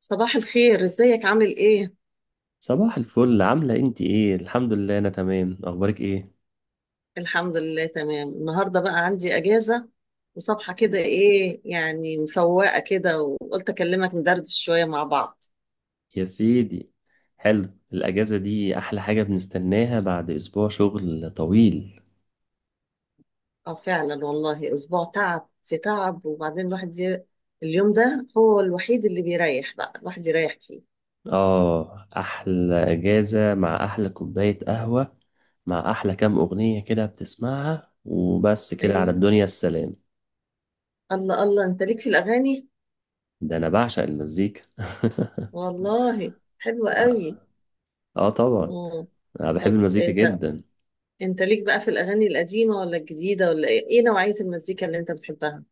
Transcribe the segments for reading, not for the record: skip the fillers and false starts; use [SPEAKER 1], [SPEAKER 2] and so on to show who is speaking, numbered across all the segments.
[SPEAKER 1] صباح الخير، ازيك؟ عامل ايه؟
[SPEAKER 2] صباح الفل، عاملة انت ايه؟ الحمد لله انا تمام. اخبارك ايه؟
[SPEAKER 1] الحمد لله تمام. النهارده بقى عندي اجازه وصبحه كده ايه يعني، مفوقه كده وقلت اكلمك ندردش شويه مع بعض.
[SPEAKER 2] يا سيدي، حلو. الاجازة دي احلى حاجة بنستناها بعد اسبوع شغل طويل.
[SPEAKER 1] اه فعلا والله، اسبوع تعب في تعب. وبعدين الواحد اليوم ده هو الوحيد اللي بيريح، بقى الواحد يريح فيه.
[SPEAKER 2] اه، احلى اجازة مع احلى كوباية قهوة، مع احلى كام اغنية كده بتسمعها، وبس كده على
[SPEAKER 1] ايوه.
[SPEAKER 2] الدنيا السلام.
[SPEAKER 1] الله الله، انت ليك في الاغاني؟
[SPEAKER 2] ده انا بعشق المزيكا
[SPEAKER 1] والله حلوة قوي.
[SPEAKER 2] اه طبعا،
[SPEAKER 1] اه.
[SPEAKER 2] انا بحب
[SPEAKER 1] طب
[SPEAKER 2] المزيكا
[SPEAKER 1] انت
[SPEAKER 2] جدا.
[SPEAKER 1] انت ليك بقى في الاغاني القديمه ولا الجديده ولا ايه؟ ايه نوعيه المزيكا اللي انت بتحبها؟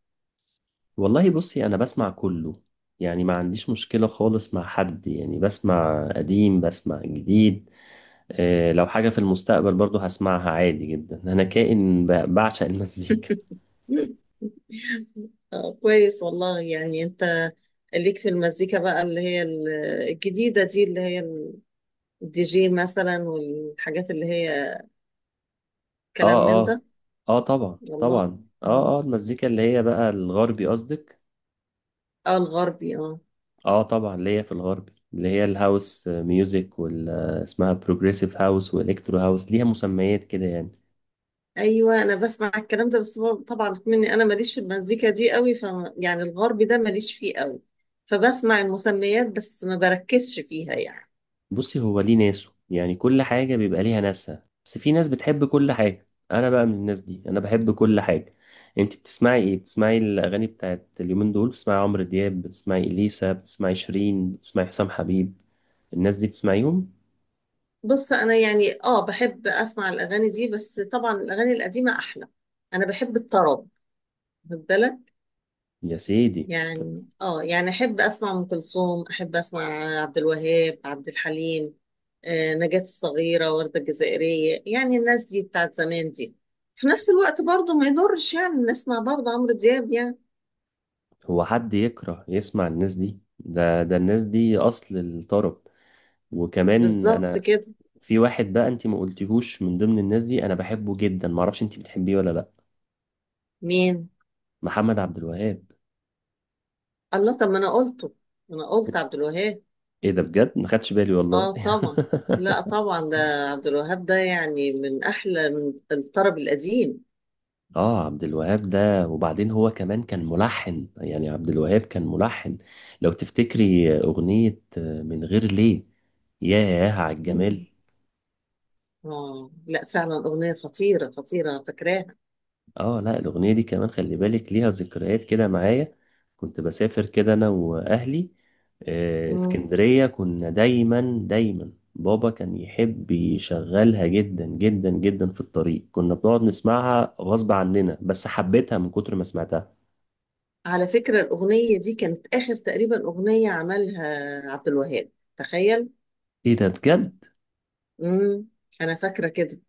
[SPEAKER 2] والله بصي، انا بسمع كله، يعني ما عنديش مشكلة خالص مع حد. يعني بسمع قديم، بسمع جديد. آه، لو حاجة في المستقبل برضو هسمعها عادي جدا. انا كائن بعشق المزيكا.
[SPEAKER 1] آه، كويس والله. يعني انت ليك في المزيكا بقى اللي هي الجديدة دي، اللي هي الدي جي مثلا والحاجات اللي هي كلام
[SPEAKER 2] اه،
[SPEAKER 1] من
[SPEAKER 2] اه،
[SPEAKER 1] ده؟
[SPEAKER 2] اه، طبعا،
[SPEAKER 1] والله.
[SPEAKER 2] طبعا،
[SPEAKER 1] مم.
[SPEAKER 2] اه، اه، المزيكا اللي هي بقى الغربي قصدك؟
[SPEAKER 1] اه، الغربي اه.
[SPEAKER 2] اه طبعا، اللي هي في الغربي، اللي هي الهاوس ميوزك اسمها بروجريسيف هاوس والكترو هاوس. ليها مسميات كده يعني.
[SPEAKER 1] ايوه انا بسمع الكلام ده، بس طبعا مني، انا ماليش في المزيكا دي قوي. ف يعني الغربي ده ماليش فيه قوي، فبسمع المسميات بس، ما بركزش فيها يعني.
[SPEAKER 2] بصي، هو ليه ناسه. يعني كل حاجة بيبقى ليها ناسها، بس في ناس بتحب كل حاجة. أنا بقى من الناس دي، أنا بحب كل حاجة. أنت بتسمعي إيه؟ بتسمعي الأغاني بتاعت اليومين دول؟ بتسمعي عمرو دياب، بتسمعي إليسا، بتسمعي شيرين، بتسمعي حسام حبيب؟ الناس دي بتسمعيهم؟
[SPEAKER 1] بص، انا يعني اه بحب اسمع الاغاني دي، بس طبعا الاغاني القديمة احلى. انا بحب الطرب مفضلة
[SPEAKER 2] يا سيدي.
[SPEAKER 1] يعني. اه يعني احب اسمع ام كلثوم، احب اسمع عبد الوهاب، عبد الحليم، نجاة الصغيرة، وردة الجزائرية، يعني الناس دي بتاعت زمان دي. في نفس الوقت برضو ما يضرش يعني نسمع برضو عمرو دياب يعني.
[SPEAKER 2] هو حد يكره يسمع الناس دي؟ ده الناس دي أصل الطرب. وكمان
[SPEAKER 1] بالظبط
[SPEAKER 2] أنا
[SPEAKER 1] كده.
[SPEAKER 2] في واحد بقى أنت ما قلتيهوش من ضمن الناس دي، أنا بحبه جدا. معرفش أنت بتحبيه ولا لأ.
[SPEAKER 1] مين؟
[SPEAKER 2] محمد عبد الوهاب.
[SPEAKER 1] الله، طب ما انا قلته. ما انا قلت عبد الوهاب.
[SPEAKER 2] إيه ده بجد؟ ما خدتش بالي والله
[SPEAKER 1] اه طبعا. لا طبعا، ده عبد الوهاب ده يعني من احلى، من الطرب القديم.
[SPEAKER 2] آه، عبد الوهاب ده، وبعدين هو كمان كان ملحن. يعني عبد الوهاب كان ملحن. لو تفتكري أغنية من غير ليه. ياه على
[SPEAKER 1] مم.
[SPEAKER 2] الجمال.
[SPEAKER 1] اه لا فعلا، اغنية خطيرة خطيرة، أنا فاكراها.
[SPEAKER 2] اه لا، الاغنيه دي كمان خلي بالك ليها ذكريات كده معايا. كنت بسافر كده انا واهلي
[SPEAKER 1] مم.
[SPEAKER 2] اسكندريه. كنا دايما دايما، بابا كان يحب يشغلها جدا جدا جدا في الطريق. كنا بنقعد نسمعها غصب عننا، بس حبيتها من كتر ما سمعتها.
[SPEAKER 1] على فكرة، الأغنية دي كانت آخر تقريبا أغنية عملها عبد الوهاب، تخيل.
[SPEAKER 2] ايه ده بجد؟
[SPEAKER 1] امم أنا فاكرة كده.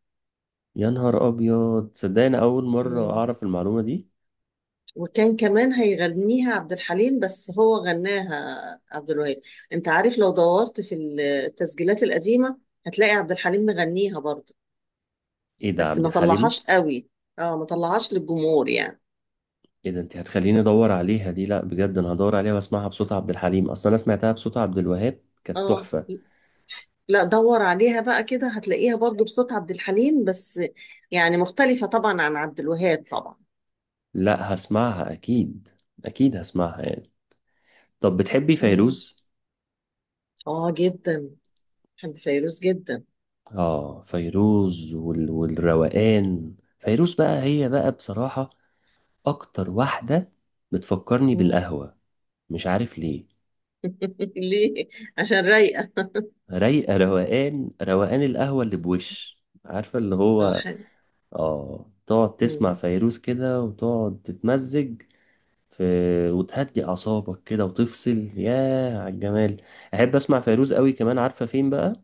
[SPEAKER 2] يا نهار ابيض، صدقني اول مره
[SPEAKER 1] مم.
[SPEAKER 2] اعرف المعلومه دي.
[SPEAKER 1] وكان كمان هيغنيها عبد الحليم، بس هو غناها عبد الوهاب. أنت عارف لو دورت في التسجيلات القديمة هتلاقي عبد الحليم مغنيها برضه،
[SPEAKER 2] ايه ده،
[SPEAKER 1] بس
[SPEAKER 2] عبد
[SPEAKER 1] ما
[SPEAKER 2] الحليم؟
[SPEAKER 1] طلعهاش قوي. اه ما طلعهاش للجمهور يعني.
[SPEAKER 2] ايه ده، انت هتخليني ادور عليها دي. لا بجد، انا هدور عليها واسمعها بصوت عبد الحليم، اصلا انا سمعتها بصوت عبد الوهاب كانت
[SPEAKER 1] اه
[SPEAKER 2] تحفه.
[SPEAKER 1] لا، دور عليها بقى كده هتلاقيها برضه بصوت عبد الحليم، بس يعني مختلفة طبعا عن عبد الوهاب طبعا.
[SPEAKER 2] لا، هسمعها اكيد، اكيد هسمعها يعني. طب بتحبي
[SPEAKER 1] مم.
[SPEAKER 2] فيروز؟
[SPEAKER 1] اه جدا، بحب فيروز جدا.
[SPEAKER 2] اه، فيروز والروقان. فيروز بقى، هي بقى بصراحة اكتر واحدة بتفكرني
[SPEAKER 1] مم.
[SPEAKER 2] بالقهوة. مش عارف ليه.
[SPEAKER 1] ليه؟ عشان رايقه.
[SPEAKER 2] رايقة، روقان، روقان القهوة اللي بوش، عارفة اللي
[SPEAKER 1] اه
[SPEAKER 2] هو.
[SPEAKER 1] حلو.
[SPEAKER 2] اه، تقعد تسمع
[SPEAKER 1] مم.
[SPEAKER 2] فيروز كده وتقعد تتمزج في، وتهدي اعصابك كده وتفصل. ياه على الجمال. احب اسمع فيروز قوي. كمان عارفة فين بقى؟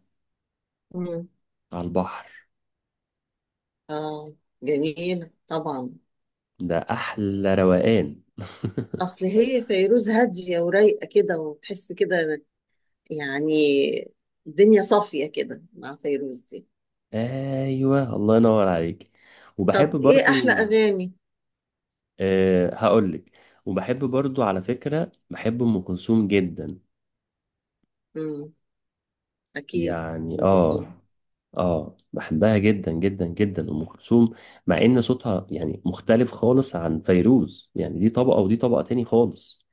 [SPEAKER 1] مم.
[SPEAKER 2] على البحر.
[SPEAKER 1] اه جميله طبعا.
[SPEAKER 2] ده احلى روقان
[SPEAKER 1] اصل هي فيروز هاديه ورايقه كده، وتحس كده يعني الدنيا صافيه كده مع فيروز دي.
[SPEAKER 2] ايوه، الله ينور عليك. وبحب
[SPEAKER 1] طب ايه احلى
[SPEAKER 2] برضو،
[SPEAKER 1] اغاني؟
[SPEAKER 2] هقولك. وبحب برضو على فكرة، بحب ام كلثوم جدا.
[SPEAKER 1] مم. اكيد
[SPEAKER 2] يعني
[SPEAKER 1] ام كلثوم.
[SPEAKER 2] اه بحبها جدا جدا جدا ام كلثوم. مع ان صوتها يعني مختلف خالص عن فيروز، يعني دي طبقة ودي طبقة تاني خالص.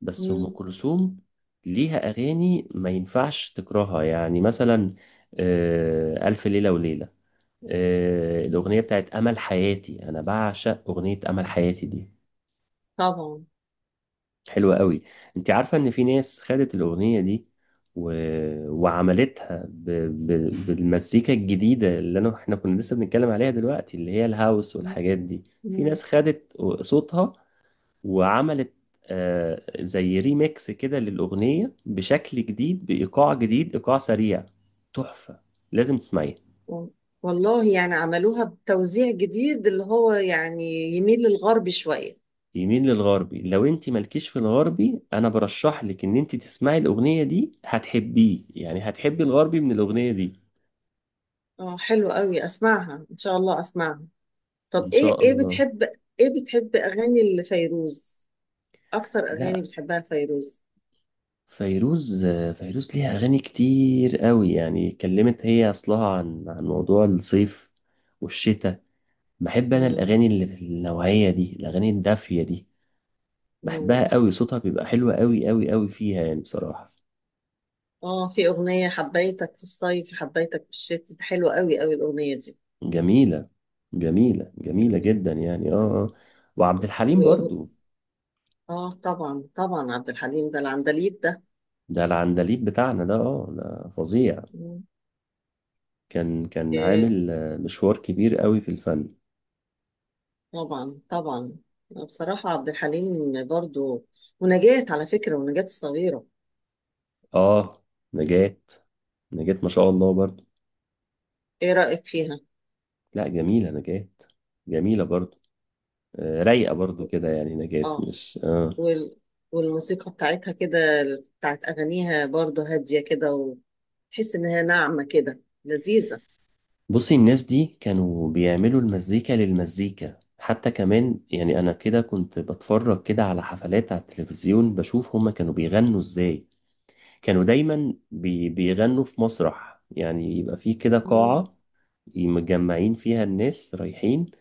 [SPEAKER 2] بس ام
[SPEAKER 1] مم.
[SPEAKER 2] كلثوم ليها اغاني ما ينفعش تكرهها. يعني مثلا آه، الف ليلة وليلة،
[SPEAKER 1] مم.
[SPEAKER 2] الأغنية بتاعت أمل حياتي. أنا بعشق أغنية أمل حياتي دي،
[SPEAKER 1] طبعا.
[SPEAKER 2] حلوة قوي. أنت عارفة إن في ناس خدت الأغنية دي و... وعملتها ب... بالمزيكا الجديدة اللي إحنا كنا لسه بنتكلم عليها دلوقتي، اللي هي الهاوس
[SPEAKER 1] مم.
[SPEAKER 2] والحاجات دي. في
[SPEAKER 1] مم.
[SPEAKER 2] ناس خدت صوتها وعملت زي ريميكس كده للأغنية، بشكل جديد، بإيقاع جديد، إيقاع سريع. تحفة، لازم تسمعيها.
[SPEAKER 1] و- والله يعني عملوها بتوزيع جديد، اللي هو يعني يميل للغرب شويه.
[SPEAKER 2] يميل للغربي. لو انت مالكيش في الغربي انا برشح لك ان انت تسمعي الاغنيه دي، هتحبيه يعني، هتحبي الغربي من الاغنيه دي.
[SPEAKER 1] اه حلو قوي، اسمعها ان شاء الله، اسمعها. طب
[SPEAKER 2] ان
[SPEAKER 1] ايه،
[SPEAKER 2] شاء
[SPEAKER 1] ايه
[SPEAKER 2] الله.
[SPEAKER 1] بتحب؟ ايه بتحب اغاني لفيروز، اكتر اغاني
[SPEAKER 2] لا،
[SPEAKER 1] بتحبها لفيروز؟
[SPEAKER 2] فيروز فيروز ليها اغاني كتير قوي. يعني اتكلمت هي اصلها عن موضوع الصيف والشتاء. بحب انا
[SPEAKER 1] مم.
[SPEAKER 2] الاغاني اللي في النوعيه دي، الاغاني الدافيه دي. بحبها
[SPEAKER 1] مم.
[SPEAKER 2] قوي، صوتها بيبقى حلو قوي قوي قوي فيها يعني بصراحه.
[SPEAKER 1] اه، في اغنية حبيتك في الصيف حبيتك في الشتاء، حلوة قوي قوي الاغنية دي
[SPEAKER 2] جميله، جميله جميله
[SPEAKER 1] يعني.
[SPEAKER 2] جدا يعني. وعبد الحليم
[SPEAKER 1] وأغ...
[SPEAKER 2] برضو.
[SPEAKER 1] اه طبعا طبعا، عبد الحليم ده العندليب ده.
[SPEAKER 2] ده العندليب بتاعنا ده، اه، ده فظيع.
[SPEAKER 1] مم.
[SPEAKER 2] كان
[SPEAKER 1] إيه.
[SPEAKER 2] عامل مشوار كبير قوي في الفن.
[SPEAKER 1] طبعا طبعا. بصراحة عبد الحليم برضو، ونجاة على فكرة، ونجاة الصغيرة،
[SPEAKER 2] اه، نجاة. نجاة ما شاء الله برضو.
[SPEAKER 1] ايه رأيك فيها؟
[SPEAKER 2] لا، جميلة نجاة، جميلة برضو. آه، رايقة برضو كده يعني نجاة،
[SPEAKER 1] اه،
[SPEAKER 2] مش.
[SPEAKER 1] وال... والموسيقى بتاعتها كده، بتاعت أغانيها برضو هادية كده، وتحس إنها ناعمة كده، لذيذة.
[SPEAKER 2] بصي، الناس دي كانوا بيعملوا المزيكا للمزيكا حتى كمان. يعني انا كده كنت بتفرج كده على حفلات على التلفزيون، بشوف هما كانوا بيغنوا ازاي. كانوا دايما بيغنوا في مسرح. يعني يبقى في كده
[SPEAKER 1] مم.
[SPEAKER 2] قاعة مجمعين فيها الناس، رايحين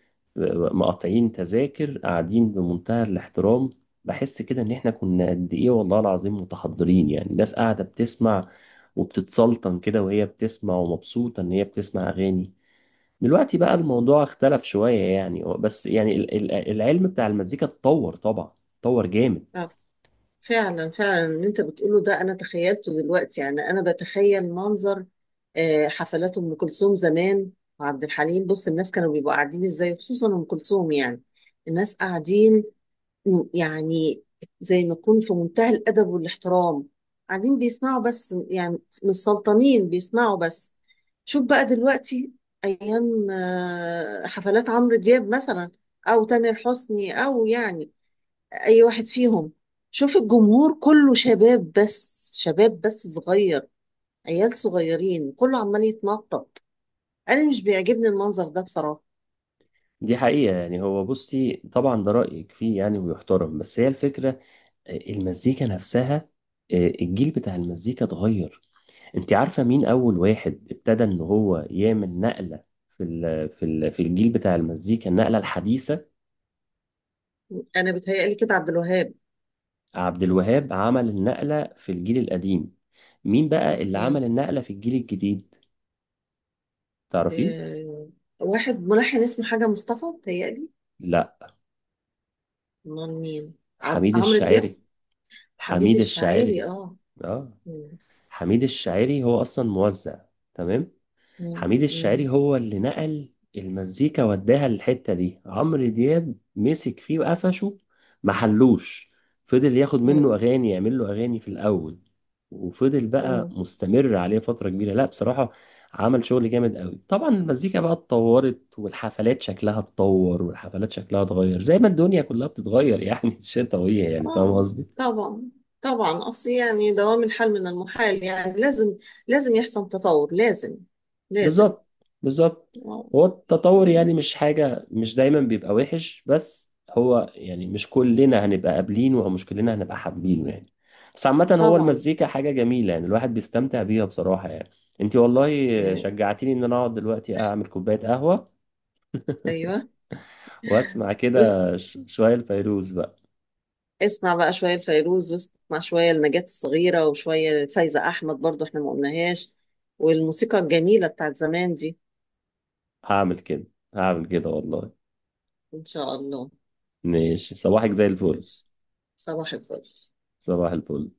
[SPEAKER 2] مقاطعين تذاكر، قاعدين بمنتهى الاحترام. بحس كده ان احنا كنا قد ايه والله العظيم متحضرين. يعني الناس قاعدة بتسمع، وبتتسلطن كده وهي بتسمع، ومبسوطة ان هي بتسمع اغاني. دلوقتي بقى
[SPEAKER 1] مم.
[SPEAKER 2] الموضوع اختلف شوية يعني. بس يعني العلم بتاع المزيكا اتطور طبعا، اتطور جامد.
[SPEAKER 1] آه، فعلا فعلا اللي أنت بتقوله ده. أنا تخيلته دلوقتي، يعني أنا بتخيل منظر حفلات أم كلثوم زمان وعبد الحليم، بص الناس كانوا بيبقوا قاعدين إزاي، خصوصا أم كلثوم يعني. الناس قاعدين يعني زي ما يكون في منتهى الأدب والاحترام، قاعدين بيسمعوا بس يعني، مش سلطانين بيسمعوا بس. شوف بقى دلوقتي أيام حفلات عمرو دياب مثلا، أو تامر حسني، أو يعني أي واحد فيهم. شوف الجمهور كله شباب بس، شباب بس صغير، عيال صغيرين كله عمال يتنطط. أنا مش بيعجبني المنظر ده بصراحة.
[SPEAKER 2] دي حقيقة يعني. هو بصي، طبعا ده رأيك فيه يعني ويحترم. بس هي الفكرة المزيكا نفسها، الجيل بتاع المزيكا اتغير. انت عارفة مين أول واحد ابتدى ان هو يعمل نقلة في الجيل بتاع المزيكا، النقلة الحديثة؟
[SPEAKER 1] أنا بتهيألي كده عبد الوهاب.
[SPEAKER 2] عبد الوهاب عمل النقلة في الجيل القديم. مين بقى اللي عمل النقلة في الجيل الجديد؟ تعرفيه؟
[SPEAKER 1] آه، واحد ملحن اسمه حاجة مصطفى بتهيألي.
[SPEAKER 2] لا.
[SPEAKER 1] امال مين؟
[SPEAKER 2] حميد
[SPEAKER 1] عمرو دياب.
[SPEAKER 2] الشاعري.
[SPEAKER 1] حميد
[SPEAKER 2] حميد
[SPEAKER 1] الشاعري،
[SPEAKER 2] الشاعري،
[SPEAKER 1] اه.
[SPEAKER 2] اه.
[SPEAKER 1] مم.
[SPEAKER 2] حميد الشاعري هو أصلا موزع، تمام.
[SPEAKER 1] مم.
[SPEAKER 2] حميد
[SPEAKER 1] مم.
[SPEAKER 2] الشاعري هو اللي نقل المزيكا وداها للحتة دي. عمرو دياب مسك فيه وقفشه، محلوش. فضل ياخد منه
[SPEAKER 1] مم.
[SPEAKER 2] أغاني، يعمل له أغاني في الأول، وفضل بقى
[SPEAKER 1] مم.
[SPEAKER 2] مستمر عليه فترة كبيرة. لا بصراحة، عمل شغل جامد قوي. طبعا المزيكا بقى اتطورت، والحفلات شكلها اتطور، والحفلات شكلها اتغير، زي ما الدنيا كلها بتتغير يعني الشتا وهي، يعني فاهم
[SPEAKER 1] اه
[SPEAKER 2] قصدي.
[SPEAKER 1] طبعا طبعا، اصل يعني دوام الحال من المحال يعني. لازم، لازم يحصل تطور، لازم، لازم.
[SPEAKER 2] بالظبط، بالظبط.
[SPEAKER 1] آه.
[SPEAKER 2] هو التطور يعني مش حاجة، مش دايما بيبقى وحش. بس هو يعني مش كلنا هنبقى قابلينه، او مش كلنا هنبقى حابينه يعني. بس عامة، هو
[SPEAKER 1] طبعا.
[SPEAKER 2] المزيكا حاجة جميلة، يعني الواحد بيستمتع بيها بصراحة يعني. انتي والله
[SPEAKER 1] آه.
[SPEAKER 2] شجعتيني ان انا اقعد دلوقتي اعمل كوباية قهوة،
[SPEAKER 1] ايوه.
[SPEAKER 2] واسمع
[SPEAKER 1] واسم
[SPEAKER 2] كده شوية الفيروز بقى.
[SPEAKER 1] اسمع بقى شوية لفيروز، واسمع شوية لنجاة الصغيرة، وشوية لفايزة أحمد برضو، احنا ما قلناهاش، والموسيقى الجميلة بتاعت زمان دي.
[SPEAKER 2] هعمل كده، هعمل كده والله.
[SPEAKER 1] إن شاء الله.
[SPEAKER 2] ماشي، صباحك زي الفل.
[SPEAKER 1] ماشي، صباح الفل.
[SPEAKER 2] صباح الفل.